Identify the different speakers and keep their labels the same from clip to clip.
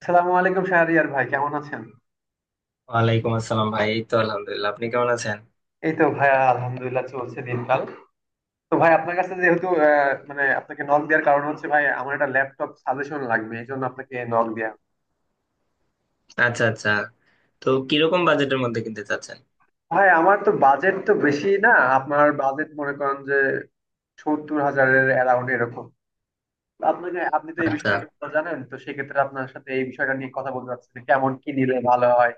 Speaker 1: আসসালামু আলাইকুম শাহরিয়ার ভাই, কেমন আছেন?
Speaker 2: ওয়ালাইকুম আসসালাম ভাই, এই তো আলহামদুলিল্লাহ। আপনি কেমন আছেন?
Speaker 1: এই তো ভাইয়া, আলহামদুলিল্লাহ, চলছে দিনকাল। তো ভাই, আপনার কাছে যেহেতু মানে আপনাকে নক দেওয়ার কারণ হচ্ছে ভাই আমার একটা ল্যাপটপ সাজেশন লাগবে, এই জন্য আপনাকে নক দেয়া।
Speaker 2: আচ্ছা আচ্ছা। তো কিরকম বাজেটের মধ্যে কিনতে চাচ্ছেন?
Speaker 1: ভাই আমার তো বাজেট তো বেশি না। আপনার বাজেট মনে করেন যে 70,000-এর অ্যারাউন্ড এরকম। আপনি তো এই
Speaker 2: আচ্ছা
Speaker 1: বিষয়টা ভালো জানেন, তো সেক্ষেত্রে আপনার সাথে এই বিষয়টা নিয়ে কথা বলতে চাচ্ছি যে কেমন কি নিলে ভালো হয়।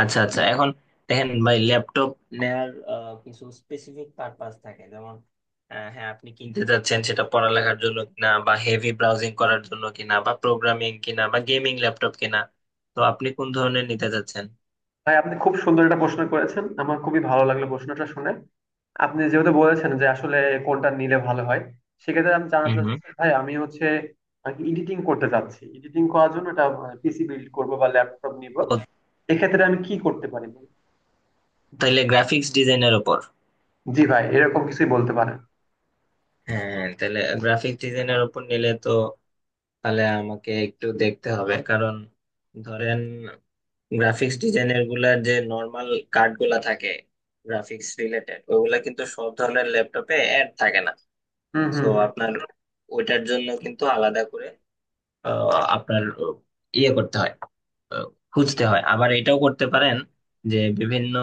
Speaker 2: আচ্ছা আচ্ছা। এখন দেখেন ভাই, ল্যাপটপ নেয়ার কিছু স্পেসিফিক পারপাস থাকে, যেমন হ্যাঁ, আপনি কিনতে চাচ্ছেন সেটা পড়ালেখার জন্য কিনা, বা হেভি ব্রাউজিং করার জন্য কিনা, বা প্রোগ্রামিং কিনা, বা গেমিং ল্যাপটপ কিনা। তো আপনি কোন ধরনের নিতে চাচ্ছেন?
Speaker 1: ভাই আপনি খুব সুন্দর একটা প্রশ্ন করেছেন, আমার খুবই ভালো লাগলো প্রশ্নটা শুনে। আপনি যেহেতু বলেছেন যে আসলে কোনটা নিলে ভালো হয়, সেক্ষেত্রে আমি জানাতে
Speaker 2: হুম হুম।
Speaker 1: চাচ্ছি ভাই, আমি হচ্ছে এডিটিং করতে চাচ্ছি। এডিটিং করার জন্য একটা পিসি বিল্ড করব বা ল্যাপটপ নিব।
Speaker 2: ও,
Speaker 1: এক্ষেত্রে আমি কি করতে পারি?
Speaker 2: তাহলে গ্রাফিক্স ডিজাইনের ওপর?
Speaker 1: জি ভাই এরকম কিছুই বলতে পারেন।
Speaker 2: হ্যাঁ, তাহলে গ্রাফিক্স ডিজাইনের ওপর নিলে তো তাহলে আমাকে একটু দেখতে হবে, কারণ ধরেন গ্রাফিক্স ডিজাইনের গুলার যে নর্মাল কার্ড গুলা থাকে, গ্রাফিক্স রিলেটেড ওগুলা কিন্তু সব ধরনের ল্যাপটপে অ্যাড থাকে না।
Speaker 1: হুম
Speaker 2: সো
Speaker 1: হুম হুম।
Speaker 2: আপনার ওইটার জন্য কিন্তু আলাদা করে আহ, আপনার ইয়ে করতে হয়, আহ, খুঁজতে হয়। আবার এটাও করতে পারেন, যে বিভিন্ন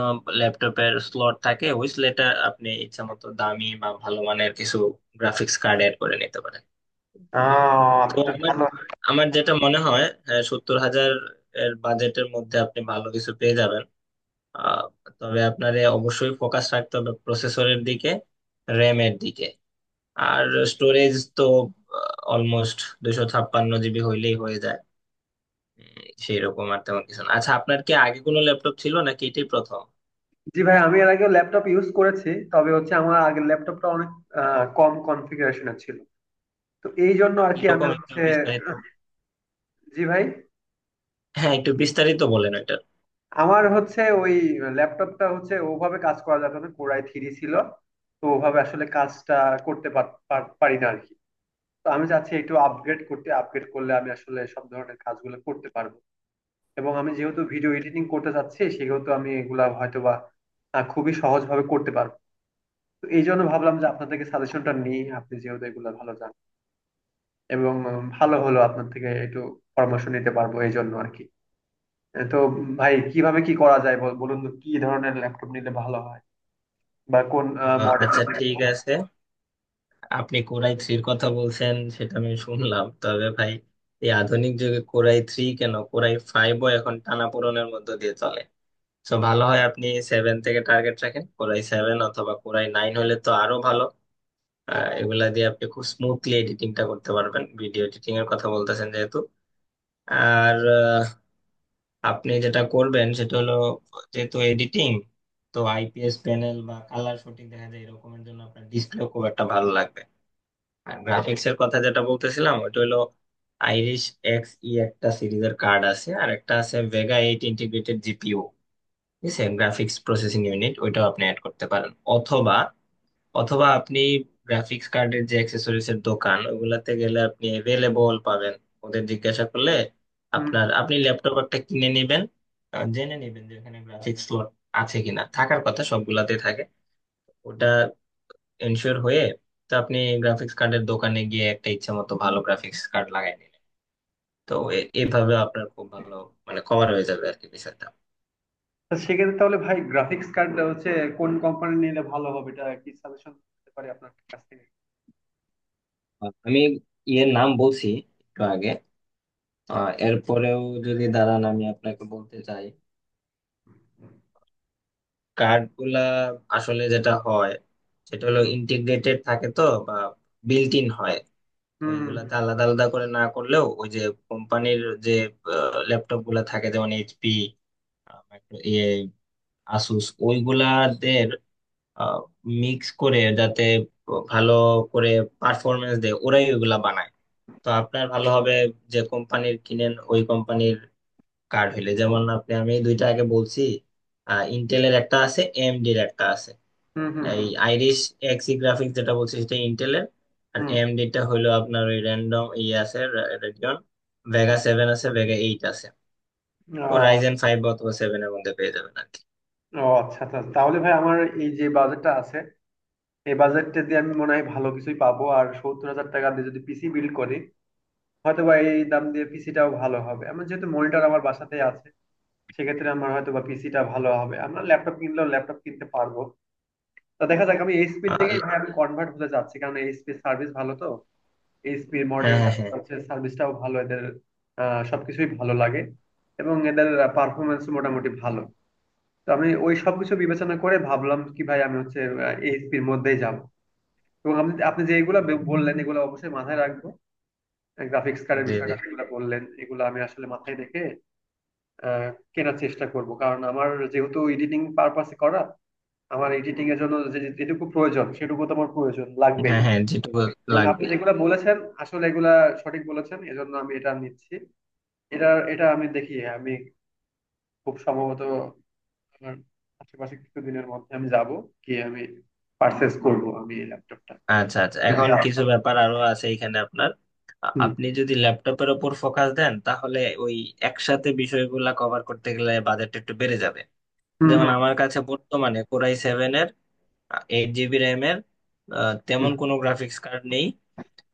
Speaker 2: ল্যাপটপের স্লট থাকে, ওই স্লটে আপনি ইচ্ছা মতো দামি বা ভালো মানের কিছু গ্রাফিক্স কার্ড এড করে নিতে পারেন। তো
Speaker 1: আপনি তো
Speaker 2: আমার
Speaker 1: ভালো।
Speaker 2: আমার যেটা মনে হয়, হ্যাঁ, 70,000 এর বাজেটের মধ্যে আপনি ভালো কিছু পেয়ে যাবেন। আহ, তবে আপনার এ অবশ্যই ফোকাস রাখতে হবে প্রসেসরের দিকে, র্যাম এর দিকে, আর স্টোরেজ তো অলমোস্ট 256 জিবি হইলেই হয়ে যায়। সেই রকম আর তেমন কিছু না। আচ্ছা, আপনার কি আগে কোনো ল্যাপটপ ছিল নাকি এটাই প্রথম?
Speaker 1: জি ভাই, আমি এর আগে ল্যাপটপ ইউজ করেছি, তবে হচ্ছে আমার আগের ল্যাপটপটা অনেক কম কনফিগারেশনের ছিল। তো এই জন্য আর কি আমি
Speaker 2: কিরকম, একটু
Speaker 1: হচ্ছে।
Speaker 2: বিস্তারিত?
Speaker 1: জি ভাই,
Speaker 2: হ্যাঁ, একটু বিস্তারিত বলেন এটা।
Speaker 1: আমার হচ্ছে ওই ল্যাপটপটা হচ্ছে ওভাবে কাজ করা যেত না, Core i3 ছিল। তো ওভাবে আসলে কাজটা করতে পারি না আর কি। তো আমি চাচ্ছি একটু আপগ্রেড করতে, আপগ্রেড করলে আমি আসলে সব ধরনের কাজগুলো করতে পারবো। এবং আমি যেহেতু ভিডিও এডিটিং করতে চাচ্ছি, সেহেতু আমি এগুলা হয়তোবা বা খুবই সহজভাবে করতে পারবো। তো এই জন্য ভাবলাম যে আপনার থেকে সাজেশনটা নিই, আপনি যেহেতু এগুলো ভালো জানেন। এবং ভালো হলো আপনার থেকে একটু পরামর্শ নিতে পারবো এই জন্য আর কি। তো ভাই কিভাবে কি করা যায় বলুন তো কি ধরনের ল্যাপটপ নিলে ভালো হয়, বা কোন মডেলের।
Speaker 2: আচ্ছা ঠিক আছে। আপনি কোরাই থ্রির কথা বলছেন, সেটা আমি শুনলাম, তবে ভাই এই আধুনিক যুগে কোরাই থ্রি কেন, কোরাই ফাইভও এখন টানাপোড়েনের মধ্য দিয়ে চলে। তো ভালো হয় আপনি সেভেন থেকে টার্গেট রাখেন, কোরাই সেভেন অথবা কোরাই নাইন হলে তো আরো ভালো। এগুলা দিয়ে আপনি খুব স্মুথলি এডিটিংটা করতে পারবেন, ভিডিও এডিটিং এর কথা বলতেছেন যেহেতু। আর আপনি যেটা করবেন সেটা হলো, যেহেতু এডিটিং, তো আইপিএস প্যানেল বা কালার শুটিং দেখা যায় এরকমের জন্য আপনার ডিসপ্লে খুব একটা ভালো লাগবে। আর গ্রাফিক্স এর কথা যেটা বলতেছিলাম, ওইটা হলো আইরিশ এক্স ই একটা সিরিজের কার্ড আছে, আর একটা আছে ভেগা এইট ইন্টিগ্রেটেড জিপিও, ঠিক আছে, গ্রাফিক্স প্রসেসিং ইউনিট, ওইটাও আপনি অ্যাড করতে পারেন। অথবা অথবা আপনি গ্রাফিক্স কার্ডের যে অ্যাক্সেসরিজ এর দোকান ওগুলাতে গেলে আপনি অ্যাভেলেবল পাবেন, ওদের জিজ্ঞাসা করলে।
Speaker 1: হুম।
Speaker 2: আপনার আপনি ল্যাপটপ একটা কিনে নেবেন, জেনে নেবেন যে ওখানে গ্রাফিক্স স্লট আছে কিনা, থাকার কথা সবগুলাতেই থাকে। ওটা এনশিওর হয়ে তো আপনি গ্রাফিক্স কার্ডের দোকানে গিয়ে একটা ইচ্ছা মতো ভালো গ্রাফিক্স কার্ড লাগাই নিলেন। তো এভাবে আপনার খুব ভালো, মানে কভার হয়ে যাবে আর কি বিষয়টা।
Speaker 1: তো সেক্ষেত্রে তাহলে ভাই গ্রাফিক্স কার্ড হচ্ছে কোন কোম্পানি নিলে ভালো হবে, এটা কি সাজেশন দিতে পারি আপনার কাছ থেকে?
Speaker 2: আমি ইয়ের নাম বলছি একটু আগে, এরপরেও যদি দাঁড়ান আমি আপনাকে বলতে চাই। কার্ড গুলা আসলে যেটা হয় সেটা হলো
Speaker 1: হুম
Speaker 2: ইন্টিগ্রেটেড থাকে তো, বা বিল্ট ইন হয়। তো
Speaker 1: হুম
Speaker 2: এইগুলাতে আলাদা আলাদা করে না করলেও, ওই যে কোম্পানির যে ল্যাপটপ গুলা থাকে, যেমন এইচপি, আসুস, ওইগুলাদের মিক্স করে যাতে ভালো করে পারফরমেন্স দেয়, ওরাই ওইগুলা বানায়। তো আপনার ভালো হবে যে কোম্পানির কিনেন ওই কোম্পানির কার্ড হইলে। যেমন আপনি, আমি দুইটা আগে বলছি, ইন্টেলের একটা আছে, এএমডি এর একটা আছে।
Speaker 1: হুম। হুম
Speaker 2: এই
Speaker 1: হুম
Speaker 2: আইরিশ এক্সি গ্রাফিক্স যেটা বলছি সেটা ইন্টেলের, আর
Speaker 1: হুম,
Speaker 2: এএমডি টা হইলো আপনার ওই র্যান্ডম ই আছে, রেডিয়ন, ভেগা
Speaker 1: হুম,
Speaker 2: সেভেন আছে, ভেগা এইট আছে।
Speaker 1: হুম। ও।
Speaker 2: তো রাইজেন ফাইভ অথবা সেভেন এর মধ্যে পেয়ে যাবেন আর কি।
Speaker 1: ও আচ্ছা আচ্ছা আচ্ছা। তাহলে ভাই আমার এই যে বাজেটটা আছে, এই বাজেটটা দিয়ে আমি মনে হয় ভালো কিছুই পাবো। আর 70,000 টাকা দিয়ে যদি পিসি বিল্ড করি হয়তো বা এই দাম দিয়ে পিসিটাও ভালো হবে, আমার যেহেতু মনিটর আমার বাসাতেই আছে। সেক্ষেত্রে আমার হয়তো বা পিসিটা ভালো হবে, আমরা ল্যাপটপ কিনলেও ল্যাপটপ কিনতে পারবো। তা দেখা যাক, আমি এইচপির দিকেই
Speaker 2: আর-
Speaker 1: ভাই আমি কনভার্ট হতে চাচ্ছি, কারণ এইচপির সার্ভিস ভালো। তো এইচপির
Speaker 2: হ্যাঁ হ্যাঁ
Speaker 1: মডেলটা
Speaker 2: হ্যাঁ।
Speaker 1: হচ্ছে সার্ভিসটাও ভালো এদের। সবকিছুই ভালো লাগে এবং এদের পারফরমেন্স মোটামুটি ভালো। তো আমি ওই সবকিছু বিবেচনা করে ভাবলাম কি ভাই আমি হচ্ছে এইচপির মধ্যেই যাব। এবং আপনি আপনি যে এগুলো বললেন এগুলো অবশ্যই মাথায় রাখবো। গ্রাফিক্স কার্ডের
Speaker 2: জি জি।
Speaker 1: বিষয়টা যেগুলো বললেন এগুলো আমি আসলে মাথায় রেখে আহ, কেনার চেষ্টা করব, কারণ আমার যেহেতু এডিটিং পারপাসে করা। আমার এডিটিং এর জন্য যেটুকু প্রয়োজন সেটুকু তো আমার প্রয়োজন লাগবেই।
Speaker 2: হ্যাঁ হ্যাঁ, যেটুকু
Speaker 1: এবং আপনি
Speaker 2: লাগবেই।
Speaker 1: যেগুলা বলেছেন আসলে এগুলা সঠিক বলেছেন, এজন্য আমি এটা নিচ্ছি। এটা এটা আমি দেখি আমি খুব সম্ভবত আমার আশেপাশে কিছুদিনের মধ্যে আমি যাব, গিয়ে আমি পারচেস করব আমি এই ল্যাপটপটা।
Speaker 2: আচ্ছা আচ্ছা, এখন কিছু ব্যাপার আরো আছে এখানে। আপনার
Speaker 1: হুম
Speaker 2: আপনি যদি ল্যাপটপের ওপর ফোকাস দেন, তাহলে ওই একসাথে বিষয়গুলা কভার করতে গেলে বাজেট একটু বেড়ে যাবে।
Speaker 1: হুম
Speaker 2: যেমন
Speaker 1: হুম।
Speaker 2: আমার কাছে বর্তমানে কোরাই সেভেন এর 8 জিবি র্যাম এর, আ,
Speaker 1: হুম
Speaker 2: তেমন কোনো গ্রাফিক্স কার্ড নেই।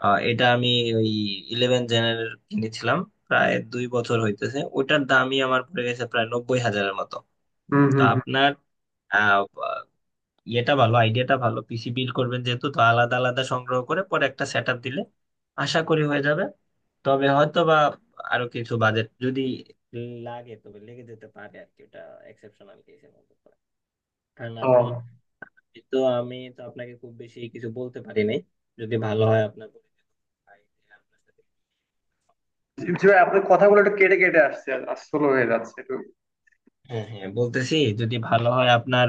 Speaker 2: আ, এটা আমি ওই ইলেভেন জেনের কিনেছিলাম, প্রায় 2 বছর হইতেছে, ওটার দামই আমার পড়ে গেছে প্রায় 90,000 মতো।
Speaker 1: হুম
Speaker 2: তো
Speaker 1: হুম, হুম।
Speaker 2: আপনার ইয়েটা ভালো, আইডিয়াটা ভালো, পিসি বিল্ড করবেন যেহেতু, তো আলাদা আলাদা সংগ্রহ করে পরে একটা সেট আপ দিলে আশা করি হয়ে যাবে। তবে হয়তো বা আরো কিছু বাজেট যদি লাগে তবে লেগে যেতে পারে আর কি, ওটা এক্সেপশনাল কেসের মতো করে। কারণ
Speaker 1: ও।
Speaker 2: আপনি, তো আমি তো আপনাকে খুব বেশি কিছু বলতে পারি নাই। যদি ভালো হয় আপনার পরিচিত ভাই, যে আপনার সাথে
Speaker 1: জি
Speaker 2: পারবে।
Speaker 1: জি
Speaker 2: না।
Speaker 1: ভাই আপনার কথাগুলো একটু কেটে কেটে আসছে, আর স্লো হয়ে যাচ্ছে একটু।
Speaker 2: হ্যাঁ হ্যাঁ বলতেছি, যদি ভালো হয় আপনার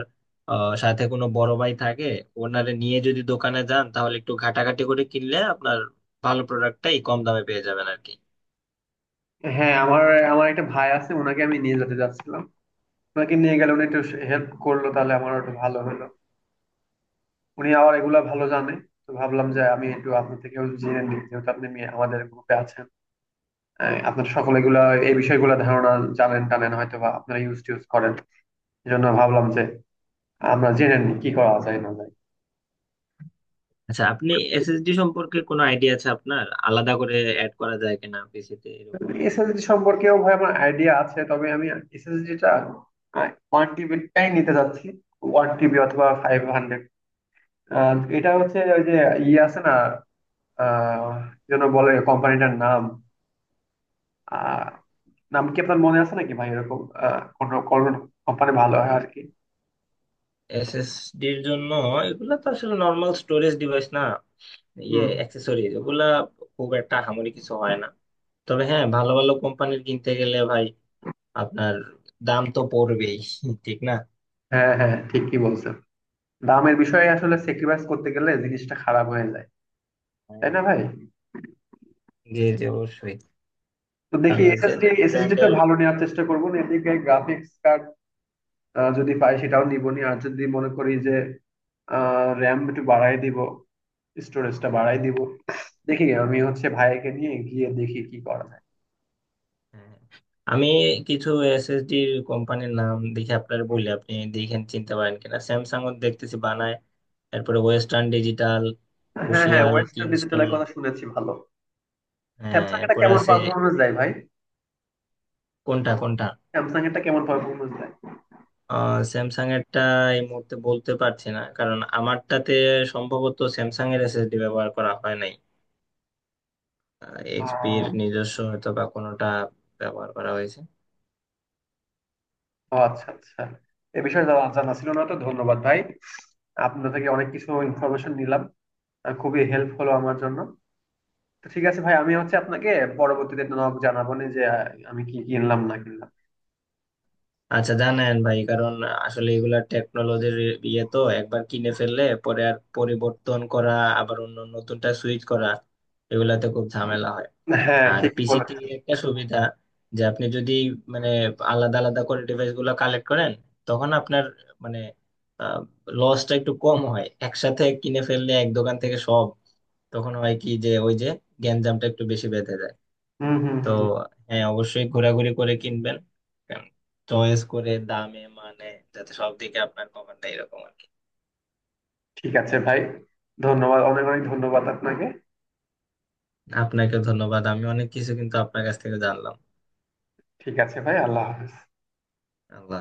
Speaker 2: সাথে কোনো বড় ভাই থাকে, ওনারে নিয়ে যদি দোকানে যান তাহলে একটু ঘাটাঘাটি করে কিনলে আপনার ভালো প্রোডাক্টটাই কম দামে পেয়ে যাবেন আর কি।
Speaker 1: হ্যাঁ, আমার আমার একটা ভাই আছে, ওনাকে আমি নিয়ে যেতে যাচ্ছিলাম। ওনাকে নিয়ে গেলে উনি একটু হেল্প করলো তাহলে আমার একটু ভালো হলো। উনি আবার এগুলা ভালো জানে। তো ভাবলাম যে আমি একটু আপনার থেকেও জেনে নিই, যেহেতু আপনি আমাদের গ্রুপে আছেন। আপনার সকলে এগুলা এই বিষয়গুলো ধারণা জানেন টানেন, হয়তো বা আপনারা ইউজ টিউজ করেন। এই জন্য ভাবলাম যে আমরা জেনে নিই কি করা যায় না যায়।
Speaker 2: আচ্ছা, আপনি এসএসডি সম্পর্কে কোনো আইডিয়া আছে আপনার? আলাদা করে অ্যাড করা যায় কিনা পিসিতে, এরকম আইডিয়া?
Speaker 1: এসএসডি সম্পর্কেও ভাই আমার আইডিয়া আছে, তবে আমি এসএসডিটা 1 TB-টাই নিতে যাচ্ছি। 1 TB অথবা 500। এটা হচ্ছে ওই যে ইয়ে আছে না আহ কি যেন বলে কোম্পানিটার নাম? নাম কি আপনার মনে আছে নাকি ভাই, এরকম কোন কোম্পানি ভালো হয় আর কি?
Speaker 2: এসএসডির জন্য এগুলা তো আসলে নর্মাল স্টোরেজ ডিভাইস না, ইয়ে
Speaker 1: হুম।
Speaker 2: অ্যাক্সেসরিজ এগুলা, খুব একটা হামরি কিছু হয় না। তবে হ্যাঁ, ভালো ভালো কোম্পানির কিনতে গেলে ভাই আপনার দাম তো পড়বেই, ঠিক না?
Speaker 1: হ্যাঁ হ্যাঁ ঠিকই বলছেন। দামের বিষয়ে আসলে স্যাক্রিফাইস করতে গেলে জিনিসটা খারাপ হয়ে যায়, তাই না ভাই?
Speaker 2: জি জি অবশ্যই।
Speaker 1: তো দেখি
Speaker 2: কারণ ওই যে
Speaker 1: এসএসডি এসএসডি টা
Speaker 2: ব্র্যান্ডের।
Speaker 1: ভালো নেওয়ার চেষ্টা করবো, না এদিকে গ্রাফিক্স কার্ড যদি পাই সেটাও নিবো নি। আর যদি মনে করি যে র্যাম একটু বাড়াই দিব, স্টোরেজটা বাড়াই দিব। দেখি আমি হচ্ছে ভাইকে নিয়ে গিয়ে দেখি কি করা যায়।
Speaker 2: আমি কিছু এসএসডি কোম্পানির নাম দেখে আপনার বলি, আপনি দেখেন চিনতে পারেন কিনা। স্যামসাং দেখতেছি বানায়, এরপরে ওয়েস্টার্ন ডিজিটাল,
Speaker 1: হ্যাঁ হ্যাঁ,
Speaker 2: ক্রুশিয়াল,
Speaker 1: ওয়েস্টার্ন
Speaker 2: কিংস্টোন।
Speaker 1: ডিজিটালের কথা শুনেছি, ভালো।
Speaker 2: হ্যাঁ
Speaker 1: স্যামসাং এটা
Speaker 2: এরপরে
Speaker 1: কেমন
Speaker 2: আছে,
Speaker 1: পারফরমেন্স দেয় ভাই?
Speaker 2: কোনটা কোনটা,
Speaker 1: স্যামসাং এরটা কেমন পারফরমেন্স দেয়?
Speaker 2: স্যামসাং এরটা এই মুহূর্তে বলতে পারছি না, কারণ আমারটাতে সম্ভবত স্যামসাং এর এসএসডি ব্যবহার করা হয় নাই,
Speaker 1: আহ,
Speaker 2: এইচপির নিজস্ব হয়তো বা কোনোটা ব্যবহার করা হয়েছে।
Speaker 1: ও আচ্ছা আচ্ছা। এ বিষয়ে জানা জানা ছিল না, তো ধন্যবাদ ভাই। আপনার থেকে অনেক কিছু ইনফরমেশন নিলাম, আর খুবই হেল্প হলো আমার জন্য। তো ঠিক আছে ভাই, আমি হচ্ছে আপনাকে পরবর্তীতে নক জানাবো নি যে আমি কি কিনলাম না কিনলাম।
Speaker 2: আচ্ছা, জানেন ভাই, কারণ আসলে এগুলা টেকনোলজির ইয়ে, তো একবার কিনে ফেললে পরে আর পরিবর্তন করা, আবার অন্য নতুনটা সুইচ করা, এগুলাতে খুব ঝামেলা হয়।
Speaker 1: হ্যাঁ
Speaker 2: আর
Speaker 1: ঠিকই
Speaker 2: পিসিতে
Speaker 1: বলেছেন।
Speaker 2: একটা সুবিধা, যে আপনি যদি মানে আলাদা আলাদা করে ডিভাইস গুলো কালেক্ট করেন, তখন আপনার মানে লসটা একটু কম হয়। একসাথে কিনে ফেললে এক দোকান থেকে সব, তখন হয় কি যে ওই যে গ্যাঞ্জামটা একটু বেশি বেঁধে যায়।
Speaker 1: হুম হুম
Speaker 2: তো
Speaker 1: হুম।
Speaker 2: হ্যাঁ অবশ্যই ঘোরাঘুরি করে কিনবেন, চয়েস করে, দামে মানে, যাতে সব দিকে আপনার কভার দেয় এরকম আর কি।
Speaker 1: ঠিক আছে ভাই, ধন্যবাদ, অনেক অনেক ধন্যবাদ আপনাকে।
Speaker 2: আপনাকে ধন্যবাদ, আমি অনেক কিছু কিন্তু আপনার কাছ থেকে জানলাম।
Speaker 1: ঠিক আছে ভাই, আল্লাহ হাফেজ।
Speaker 2: আল্লাহ